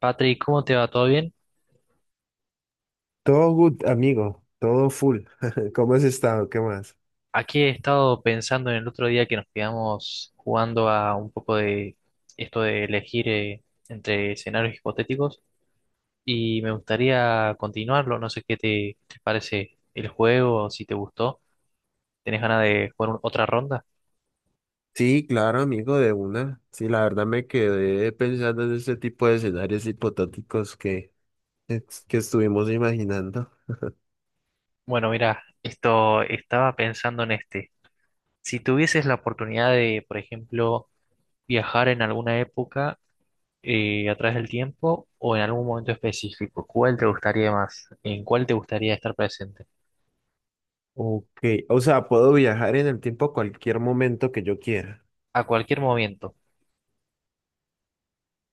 Patrick, ¿cómo te va? ¿Todo bien? Todo good, amigo, todo full. ¿Cómo has estado? ¿Qué más? Aquí he estado pensando en el otro día que nos quedamos jugando a un poco de esto de elegir entre escenarios hipotéticos y me gustaría continuarlo. No sé qué te parece el juego, si te gustó. ¿Tenés ganas de jugar otra ronda? Sí, claro, amigo, de una. Sí, la verdad me quedé pensando en ese tipo de escenarios hipotéticos que, que estuvimos imaginando. Bueno, mira, esto estaba pensando en este. Si tuvieses la oportunidad de, por ejemplo, viajar en alguna época, a través del tiempo o en algún momento específico. ¿Cuál te gustaría más? ¿En cuál te gustaría estar presente? Ok, o sea, puedo viajar en el tiempo a cualquier momento que yo quiera. A cualquier momento.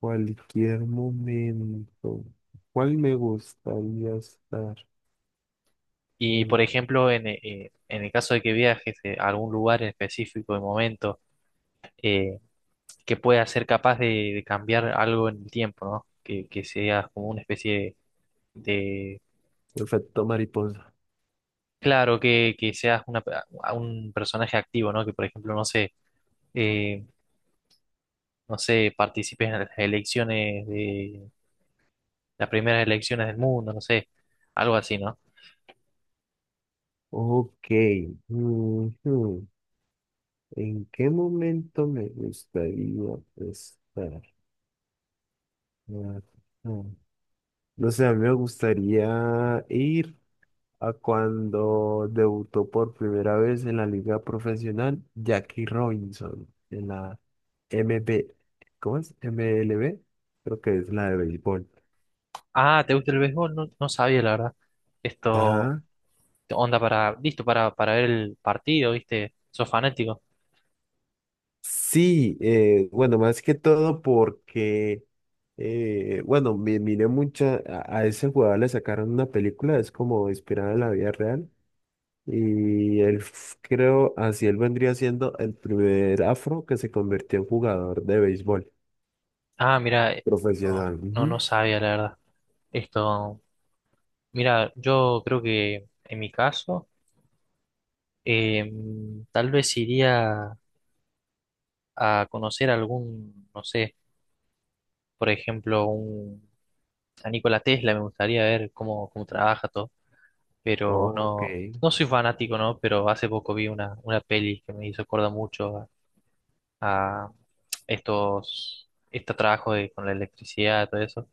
Cualquier momento. ¿Cuál me gustaría estar? Y Mm, por ejemplo, en el caso de que viajes a algún lugar en específico, de momento, eh, que pueda ser capaz de cambiar algo en el tiempo, ¿no? Que seas como una especie de. Efecto mariposa. Claro, que seas una, a un personaje activo, ¿no? Que por ejemplo, no sé, eh, no sé, participes en las elecciones, las primeras elecciones del mundo, no sé, algo así, ¿no? Ok, ujú. ¿En qué momento me gustaría estar? Ah, ah. No sé, a mí me gustaría ir a cuando debutó por primera vez en la liga profesional Jackie Robinson en la MB, ¿cómo es? MLB, creo que es la de béisbol. Ah, ¿te gusta el béisbol? No, no sabía, la verdad. Esto, Ajá. onda para, listo para ver el partido, ¿viste? ¿Sos fanático? Sí, bueno, más que todo porque, bueno, miré mucha, a ese jugador le sacaron una película, es como inspirada en la vida real. Y él, creo, así él vendría siendo el primer afro que se convirtió en jugador de béisbol Ah, mira, no, profesional. no, no Ujú. sabía, la verdad. Esto, mira, yo creo que en mi caso, eh, tal vez iría a conocer algún, no sé, por ejemplo, a Nikola Tesla, me gustaría ver cómo, cómo trabaja todo, pero Ok, no, no soy fanático, ¿no? Pero hace poco vi una peli que me hizo acordar mucho a estos, este trabajo de, con la electricidad y todo eso,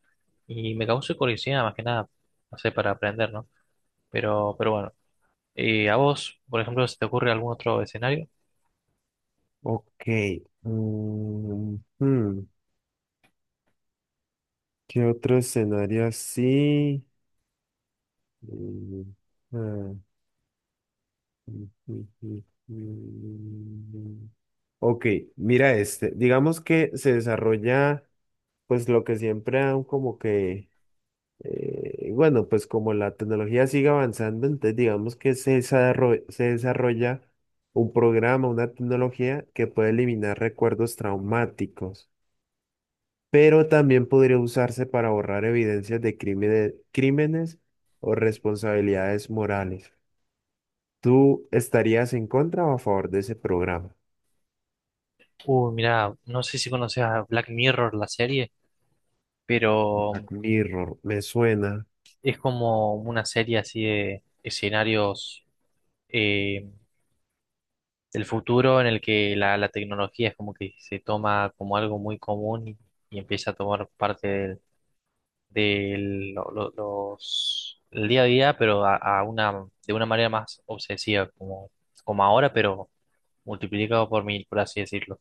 y me causó curiosidad más que nada, no sé, para aprender, ¿no? Pero bueno, ¿a vos, por ejemplo, se te ocurre algún otro escenario? ok. Mm, hmm, ¿Qué otro escenario así? Mm, ah, mm, mm, mm, mm. mm, mm. Ok, mira este. Digamos que se desarrolla, pues lo que siempre han como que y bueno, pues como la tecnología sigue avanzando, entonces digamos que se desarrolla un programa, una tecnología que puede eliminar recuerdos traumáticos, pero también podría usarse para borrar evidencias de crímenes, o responsabilidades morales. ¿Tú estarías en contra o a favor de ese programa? Uy, mira, no sé si conoces a Black Mirror, la serie, pero Black Mirror, me suena. es como una serie así de escenarios. eh, el futuro en el que la tecnología es como que se toma como algo muy común y empieza a tomar parte del, el día a día, pero a una, de una manera más obsesiva, como, como ahora, pero multiplicado por mil, por así decirlo.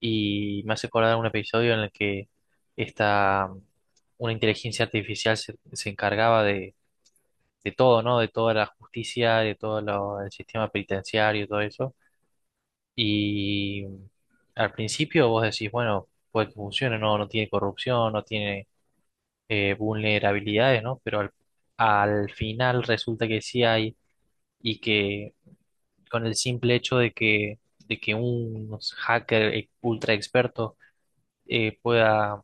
Y me hace acordar un episodio en el que esta, una inteligencia artificial se encargaba de todo, ¿no? De toda la justicia, de todo el sistema penitenciario, todo eso. Y al principio vos decís, bueno, puede que funcione, no, no tiene corrupción, no tiene vulnerabilidades, ¿no? Pero al final resulta que sí hay, y que con el simple hecho de de que un hacker ultra experto pueda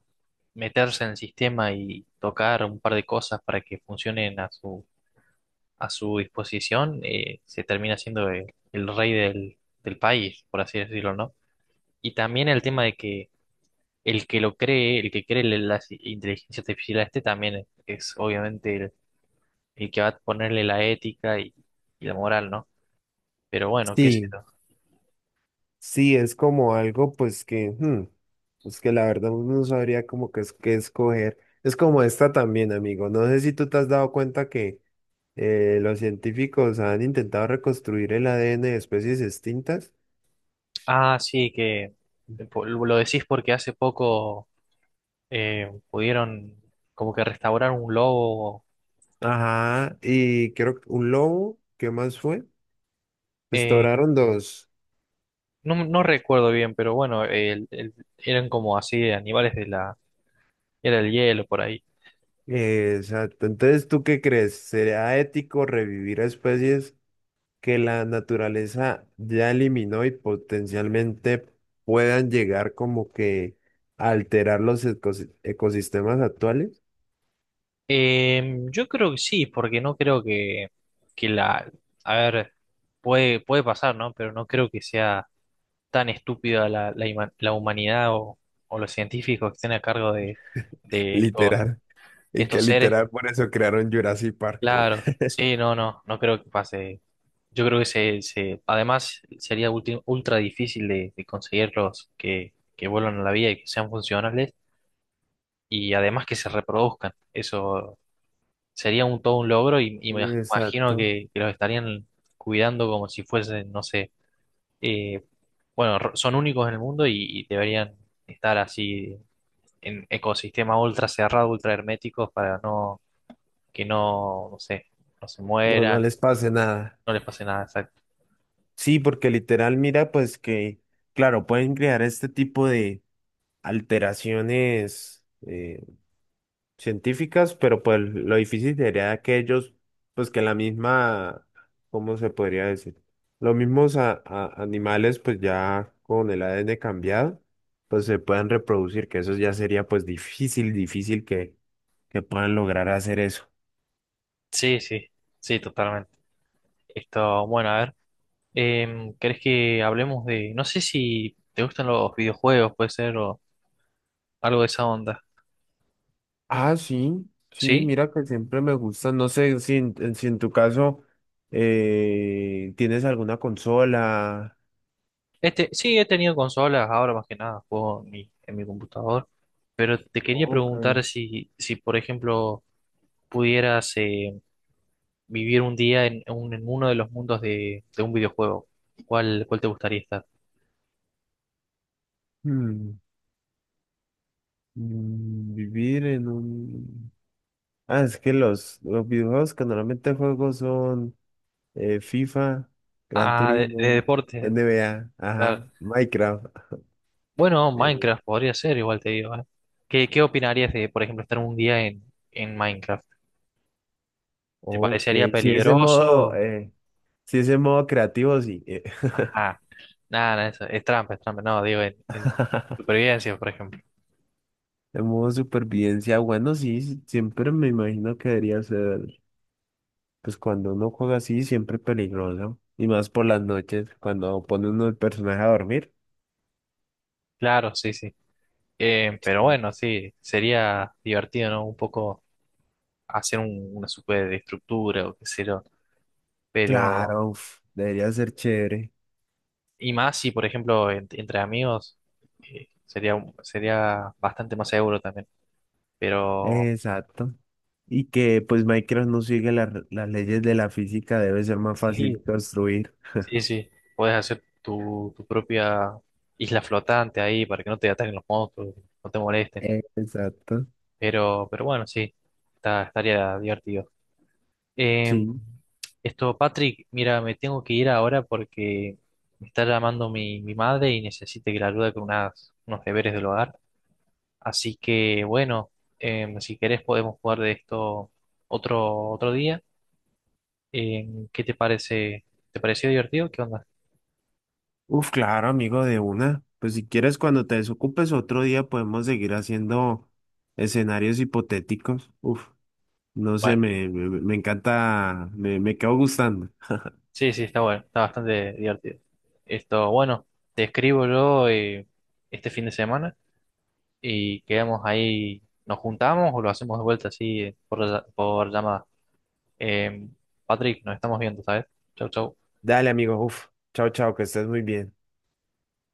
meterse en el sistema y tocar un par de cosas para que funcionen a su disposición, se termina siendo el rey del, del país, por así decirlo, ¿no? Y también el tema de que el que lo cree, el que cree la inteligencia artificial a este también es obviamente el que va a ponerle la ética y la moral, ¿no? Pero bueno, qué sé Sí. yo. Sí, es como algo pues que, hmm, pues que la verdad uno no sabría como que es que escoger. Es como esta también, amigo. No sé si tú te has dado cuenta que los científicos han intentado reconstruir el ADN de especies extintas. Ah, sí, que lo decís porque hace poco pudieron como que restaurar un lobo. Ajá, y creo que un lobo, ¿qué más fue? eh, Restauraron dos. no, no recuerdo bien, pero bueno, eran como así animales de la... Era el hielo por ahí. Exacto. Entonces, ¿tú qué crees? ¿Sería ético revivir a especies que la naturaleza ya eliminó y potencialmente puedan llegar como que a alterar los ecosistemas actuales? Eh, yo creo que sí, porque no creo que la... A ver, puede, puede pasar, ¿no? Pero no creo que sea tan estúpida la humanidad o los científicos que estén a cargo de estos, Literal. Y que estos seres. literal por eso crearon Jurassic Park. Claro, sí, no, no, no creo que pase. Yo creo que además sería ultra difícil de conseguirlos que vuelvan a la vida y que sean funcionales y además que se reproduzcan. Eso sería un todo un logro y me imagino Exacto. Que los estarían cuidando como si fuesen, no sé, eh, bueno, son únicos en el mundo y deberían estar así en ecosistemas ultra cerrados, ultra herméticos para no que no, no sé, no se No, no mueran, les pase nada. no les pase nada. Exacto. Sí, porque literal, mira, pues que, claro, pueden crear este tipo de alteraciones científicas, pero pues lo difícil sería que ellos, pues que la misma, ¿cómo se podría decir? Los mismos animales, pues ya con el ADN cambiado, pues se puedan reproducir, que eso ya sería pues difícil, que puedan lograr hacer eso. Sí, sí, sí, totalmente. Esto, bueno, a ver, ¿querés que hablemos de, no sé si te gustan los videojuegos, puede ser, o algo de esa onda? Ah, sí, sí, ¿Sí? mira que siempre me gusta, no sé si si en tu caso tienes alguna consola. Este, sí, he tenido consolas, ahora más que nada juego en mi computador, pero te quería Ok. preguntar si, si por ejemplo, pudieras vivir un día en, en uno de los mundos de un videojuego, ¿cuál, cuál te gustaría estar? Hmm, Vivir en un... Ah, es que los videojuegos que normalmente juego son FIFA, Gran Ah, de Turismo, deportes, NBA, claro. ajá, Minecraft. Bueno, Eh, Minecraft podría ser, igual te digo, ¿eh? ¿Qué, qué opinarías de, por ejemplo, estar un día en Minecraft? ¿Te ok, parecería si ese modo, peligroso? Si ese modo creativo, sí. Ajá, nada, nada, eso es trampa, no, digo, en supervivencia, por ejemplo. El modo supervivencia, bueno, sí, sí, siempre me imagino que debería ser, pues cuando uno juega así, siempre peligroso. Y más por las noches, cuando pone uno el personaje a dormir. Claro, sí, sí. Pero Sí. bueno, sí, sería divertido, ¿no? Un poco hacer una superestructura o qué sé yo. Pero, Claro, uf, debería ser chévere. y más si, por ejemplo, entre amigos, sería, sería bastante más seguro también. Pero, Exacto. Y que pues Minecraft no sigue las leyes de la física, debe ser más fácil sí, construir. sí, sí, puedes hacer tu, tu propia isla flotante ahí para que no te ataquen los monstruos, no te molesten. Exacto. Pero bueno, sí, estaría divertido. Eh, Sí. esto, Patrick, mira, me tengo que ir ahora porque me está llamando mi, mi madre y necesita que la ayude con unas, unos deberes del hogar. Así que, bueno, si querés podemos jugar de esto otro, otro día. ¿Qué te parece? ¿Te pareció divertido? ¿Qué onda? Uf, claro, amigo, de una. Pues si quieres, cuando te desocupes otro día podemos seguir haciendo escenarios hipotéticos. Uf, no sé, Bueno, me encanta, me quedo gustando. sí, sí, está bueno, está bastante divertido. Esto, bueno, te escribo yo este fin de semana y quedamos ahí, nos juntamos o lo hacemos de vuelta así por llamada. Eh, Patrick, nos estamos viendo, ¿sabes? Chau, chau. Dale, amigo, uf. Chao, chao, que estés muy bien.